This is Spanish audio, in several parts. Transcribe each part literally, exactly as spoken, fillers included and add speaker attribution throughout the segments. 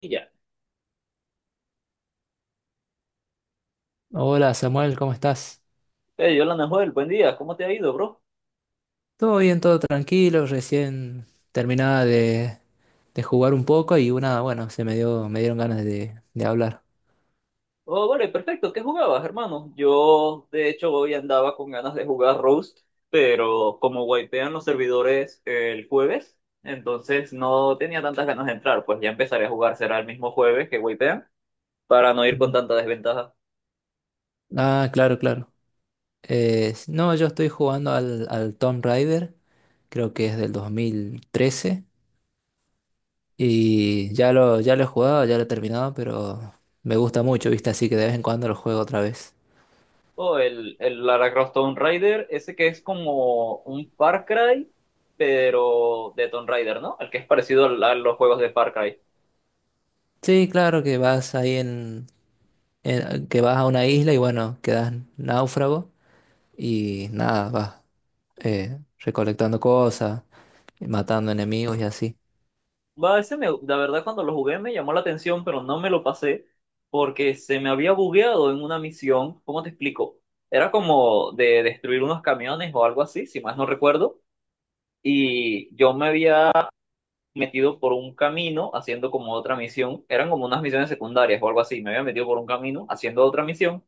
Speaker 1: Y ya.
Speaker 2: Hola Samuel, ¿cómo estás?
Speaker 1: Hey, Yolanda Joel, buen día, ¿cómo te ha ido, bro?
Speaker 2: Todo bien, todo tranquilo, recién terminaba de, de jugar un poco y una, bueno, se me dio, me dieron ganas de, de hablar.
Speaker 1: Oh, vale, perfecto, ¿qué jugabas, hermano? Yo, de hecho, hoy andaba con ganas de jugar Roast, pero como wipean los servidores el jueves, entonces no tenía tantas ganas de entrar, pues ya empezaré a jugar, será el mismo jueves que wipean, para no ir con
Speaker 2: Ujú.
Speaker 1: tanta desventaja.
Speaker 2: Ah, claro, claro. Eh, no, yo estoy jugando al, al Tomb Raider, creo que es del dos mil trece y ya lo, ya lo he jugado, ya lo he terminado, pero me gusta mucho, ¿viste? Así que de vez en cuando lo juego otra vez.
Speaker 1: Oh, el, el Lara Croft Tomb Raider, ese que es como un Far Cry, pero de Tomb Raider, ¿no? El que es parecido al- a los juegos de Far Cry.
Speaker 2: Sí, claro que vas ahí en, en- que vas a una isla y bueno, quedas náufrago y nada, vas eh, recolectando cosas, matando enemigos y así.
Speaker 1: Va, ese me, la verdad cuando lo jugué me llamó la atención, pero no me lo pasé porque se me había bugueado en una misión. ¿Cómo te explico? Era como de destruir unos camiones o algo así, si más no recuerdo. Y yo me había metido por un camino haciendo como otra misión. Eran como unas misiones secundarias o algo así. Me había metido por un camino haciendo otra misión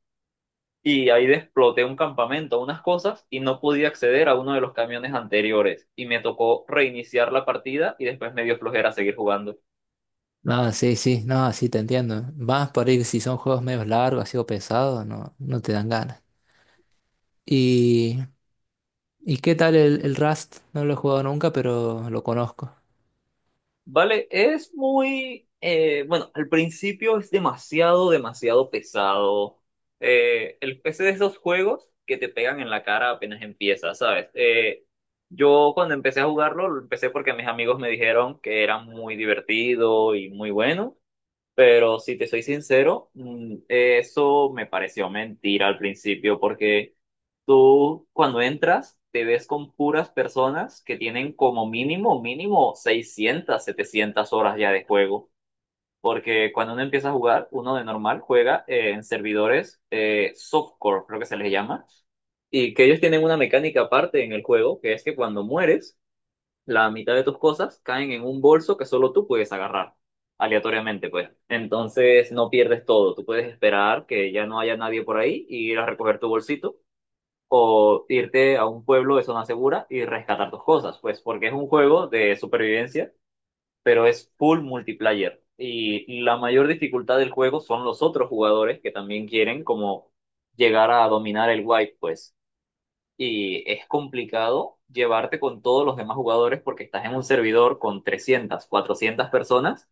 Speaker 1: y ahí exploté un campamento, unas cosas y no podía acceder a uno de los camiones anteriores. Y me tocó reiniciar la partida y después me dio flojera seguir jugando.
Speaker 2: Nada, sí, sí, no, sí te entiendo. Más por ahí si son juegos medio largos, así o pesados, no, no te dan ganas. ¿Y, y qué tal el, el Rust? No lo he jugado nunca, pero lo conozco.
Speaker 1: Vale, es muy, eh, bueno, al principio es demasiado, demasiado pesado. Eh, el P C de esos juegos que te pegan en la cara apenas empieza, ¿sabes? Eh, yo cuando empecé a jugarlo, lo empecé porque mis amigos me dijeron que era muy divertido y muy bueno, pero si te soy sincero, mm, eso me pareció mentira al principio porque. Tú cuando entras te ves con puras personas que tienen como mínimo, mínimo seiscientas setecientas horas ya de juego. Porque cuando uno empieza a jugar, uno de normal juega eh, en servidores eh, softcore, creo que se les llama, y que ellos tienen una mecánica aparte en el juego, que es que cuando mueres, la mitad de tus cosas caen en un bolso que solo tú puedes agarrar, aleatoriamente, pues. Entonces no pierdes todo, tú puedes esperar que ya no haya nadie por ahí y ir a recoger tu bolsito o irte a un pueblo de zona segura y rescatar tus cosas, pues porque es un juego de supervivencia, pero es full multiplayer. Y la mayor dificultad del juego son los otros jugadores que también quieren como llegar a dominar el wipe, pues. Y es complicado llevarte con todos los demás jugadores porque estás en un servidor con trescientas cuatrocientas personas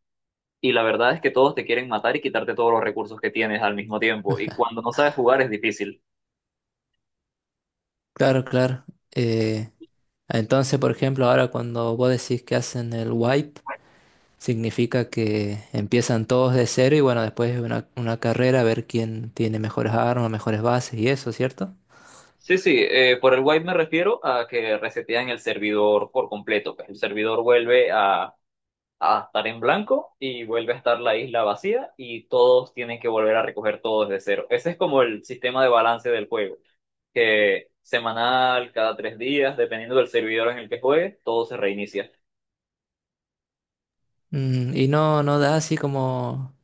Speaker 1: y la verdad es que todos te quieren matar y quitarte todos los recursos que tienes al mismo tiempo. Y cuando no sabes jugar es difícil.
Speaker 2: Claro, claro. Eh, entonces, por ejemplo, ahora cuando vos decís que hacen el wipe, significa que empiezan todos de cero y bueno, después es una, una carrera a ver quién tiene mejores armas, mejores bases y eso, ¿cierto?
Speaker 1: Sí, sí, eh, por el wipe me refiero a que resetean el servidor por completo, pues. El servidor vuelve a, a estar en blanco y vuelve a estar la isla vacía y todos tienen que volver a recoger todo desde cero. Ese es como el sistema de balance del juego, que semanal, cada tres días, dependiendo del servidor en el que juegues, todo se reinicia.
Speaker 2: Mm, y no, no da así como,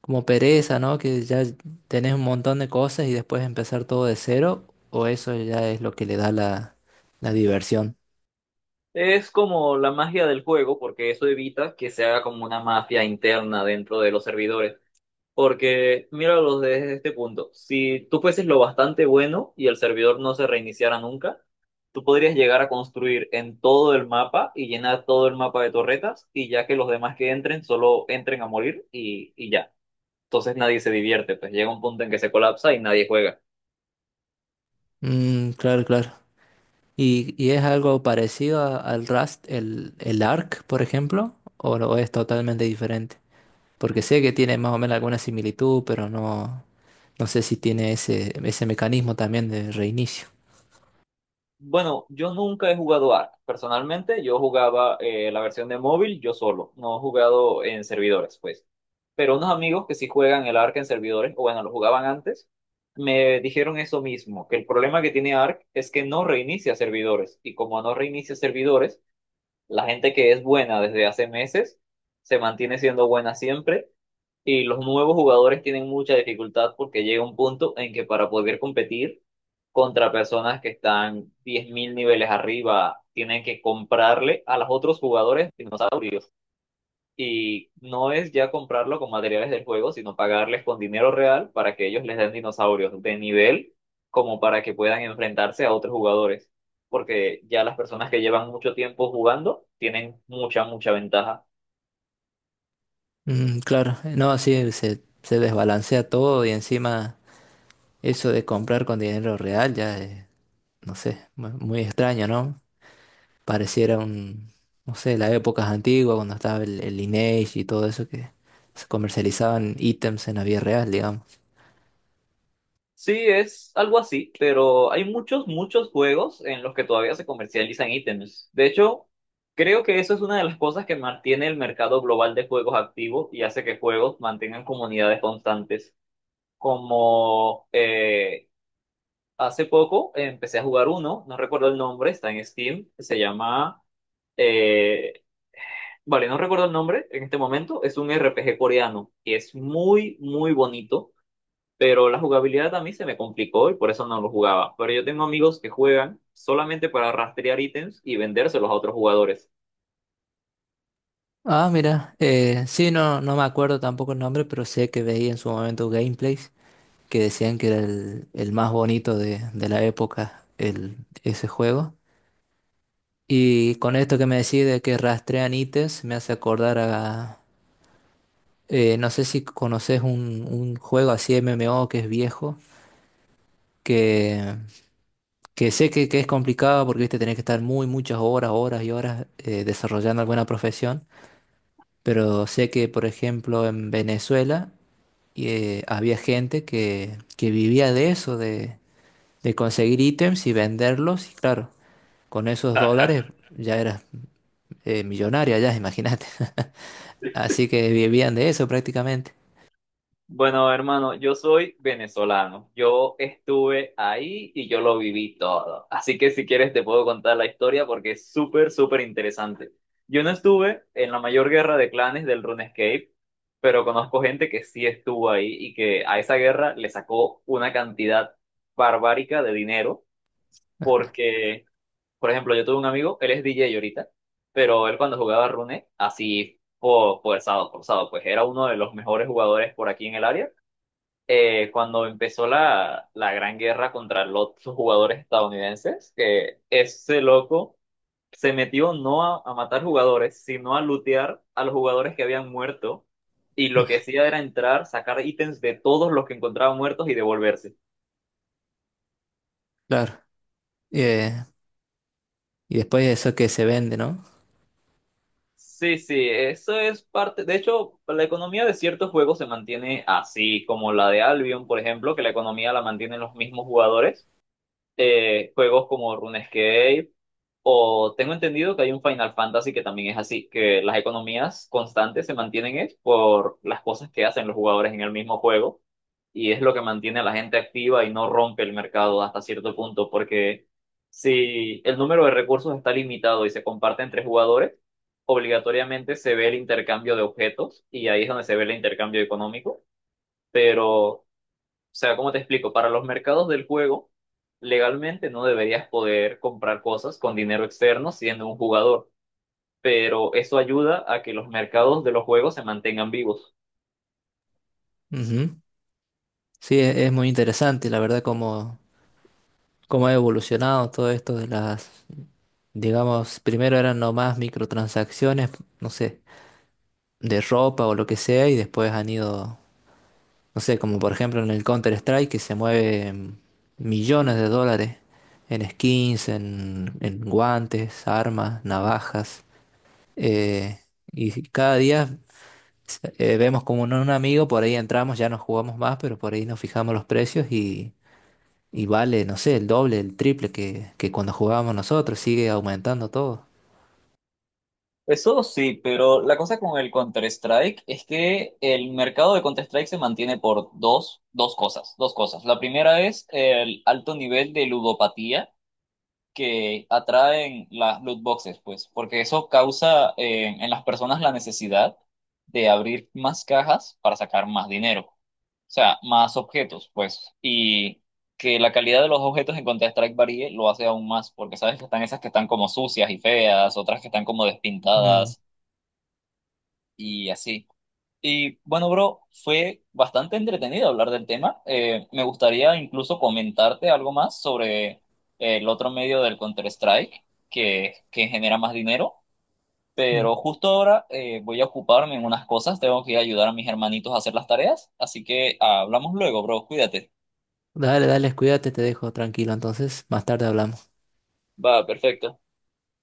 Speaker 2: como pereza, ¿no? Que ya tenés un montón de cosas y después empezar todo de cero, o eso ya es lo que le da la, la diversión.
Speaker 1: Es como la magia del juego porque eso evita que se haga como una mafia interna dentro de los servidores. Porque míralos desde este punto. Si tú fueses lo bastante bueno y el servidor no se reiniciara nunca, tú podrías llegar a construir en todo el mapa y llenar todo el mapa de torretas y ya que los demás que entren solo entren a morir y, y ya. Entonces nadie se divierte, pues llega un punto en que se colapsa y nadie juega.
Speaker 2: Mm, claro, claro. ¿Y, y es algo parecido a- al Rust, el, el Arc, por ejemplo? ¿O, no, o es totalmente diferente? Porque sé que tiene más o menos alguna similitud, pero no, no sé si tiene ese, ese mecanismo también de reinicio.
Speaker 1: Bueno, yo nunca he jugado Ark. Personalmente, yo jugaba eh, la versión de móvil yo solo. No he jugado en servidores, pues. Pero unos amigos que sí juegan el Ark en servidores, o bueno, lo jugaban antes, me dijeron eso mismo, que el problema que tiene Ark es que no reinicia servidores. Y como no reinicia servidores, la gente que es buena desde hace meses se mantiene siendo buena siempre y los nuevos jugadores tienen mucha dificultad porque llega un punto en que para poder competir contra personas que están diez mil niveles arriba, tienen que comprarle a los otros jugadores dinosaurios y no es ya comprarlo con materiales del juego, sino pagarles con dinero real para que ellos les den dinosaurios de nivel como para que puedan enfrentarse a otros jugadores, porque ya las personas que llevan mucho tiempo jugando tienen mucha, mucha ventaja.
Speaker 2: Mm, claro, no, sí, se, se desbalancea todo y encima... Eso de comprar con dinero real ya, es, no sé, mu- muy extraño, ¿no? Pareciera un, no sé, las épocas antiguas cuando estaba el, el Lineage y todo eso que se comercializaban ítems en la vida real, digamos.
Speaker 1: Sí, es algo así, pero hay muchos, muchos juegos en los que todavía se comercializan ítems. De hecho, creo que eso es una de las cosas que mantiene el mercado global de juegos activo y hace que juegos mantengan comunidades constantes como. eh, Hace poco empecé a jugar uno, no recuerdo el nombre, está en Steam, se llama. Eh, vale, no recuerdo el nombre en este momento, es un R P G coreano y es muy, muy bonito, pero la jugabilidad a mí se me complicó y por eso no lo jugaba. Pero yo tengo amigos que juegan solamente para rastrear ítems y vendérselos a otros jugadores.
Speaker 2: Ah, mira, eh, sí, no, no me acuerdo tampoco el nombre, pero sé que veía en su momento gameplays que decían que era el, el más bonito de, de la época, el, ese juego. Y con esto que me decís de que rastrean ítems, me hace acordar a, Eh, no sé si conoces un, un juego así de M M O que es viejo, que, que sé que, que es complicado porque viste, tenés que estar muy muchas horas, horas y horas eh, desarrollando alguna profesión, pero sé que, por ejemplo, en Venezuela eh, había gente que, que vivía de eso, de, de conseguir ítems y venderlos, y claro, con esos dólares ya eras eh, millonario, ya, imagínate. Así que vivían de eso prácticamente.
Speaker 1: Bueno, hermano, yo soy venezolano. Yo estuve ahí y yo lo viví todo. Así que si quieres te puedo contar la historia porque es súper, súper interesante. Yo no estuve en la mayor guerra de clanes del RuneScape, pero conozco gente que sí estuvo ahí y que a esa guerra le sacó una cantidad barbárica de dinero porque, por ejemplo, yo tuve un amigo, él es D J ahorita, pero él cuando jugaba Rune, así, po- forzado, forzado, pues era uno de los mejores jugadores por aquí en el área eh, cuando empezó la, la gran guerra contra los jugadores estadounidenses, que ese loco se metió no a, a matar jugadores, sino a lootear a los jugadores que habían muerto, y lo que hacía era entrar, sacar ítems de todos los que encontraba muertos y devolverse.
Speaker 2: Claro. Eh, y después eso que se vende, ¿no?
Speaker 1: Sí, sí, eso es parte. De hecho, la economía de ciertos juegos se mantiene así, como la de Albion, por ejemplo, que la economía la mantienen los mismos jugadores. Eh, juegos como RuneScape o tengo entendido que hay un Final Fantasy que también es así, que las economías constantes se mantienen es por las cosas que hacen los jugadores en el mismo juego y es lo que mantiene a la gente activa y no rompe el mercado hasta cierto punto, porque si el número de recursos está limitado y se comparte entre jugadores, obligatoriamente se ve el intercambio de objetos y ahí es donde se ve el intercambio económico, pero o sea, ¿cómo te explico? Para los mercados del juego, legalmente no deberías poder comprar cosas con dinero externo siendo un jugador, pero eso ayuda a que los mercados de los juegos se mantengan vivos.
Speaker 2: Ujú. Sí, e- es muy interesante, la verdad, cómo, cómo ha evolucionado todo esto de las, digamos, primero eran nomás microtransacciones, no sé, de ropa o lo que sea, y después han ido, no sé, como por ejemplo en el Counter-Strike, que se mueven millones de dólares en skins, en, en guantes, armas, navajas, eh, y cada día eh, vemos como un, un amigo, por ahí entramos, ya no jugamos más, pero por ahí nos fijamos los precios. Y vale, no sé, el doble, el triple que, que cuando jugábamos nosotros, sigue aumentando todo.
Speaker 1: Eso sí, pero la cosa con el Counter-Strike es que el mercado de Counter-Strike se mantiene por dos, dos cosas, dos cosas. La primera es el alto nivel de ludopatía que atraen las loot boxes, pues, porque eso causa eh, en las personas la necesidad de abrir más cajas para sacar más dinero, o sea, más objetos, pues, y que la calidad de los objetos en Counter-Strike varíe lo hace aún más, porque sabes que están esas que están como sucias y feas, otras que están como
Speaker 2: Mm,
Speaker 1: despintadas y así. Y bueno, bro, fue bastante entretenido hablar del tema. Eh, me gustaría incluso comentarte algo más sobre el otro medio del Counter-Strike que, que genera más dinero,
Speaker 2: mm.
Speaker 1: pero justo ahora eh, voy a ocuparme en unas cosas, tengo que ayudar a mis hermanitos a hacer las tareas, así que ah, hablamos luego, bro, cuídate.
Speaker 2: Dale, dale, cuídate, te dejo tranquilo entonces, más tarde hablamos.
Speaker 1: Va, perfecto.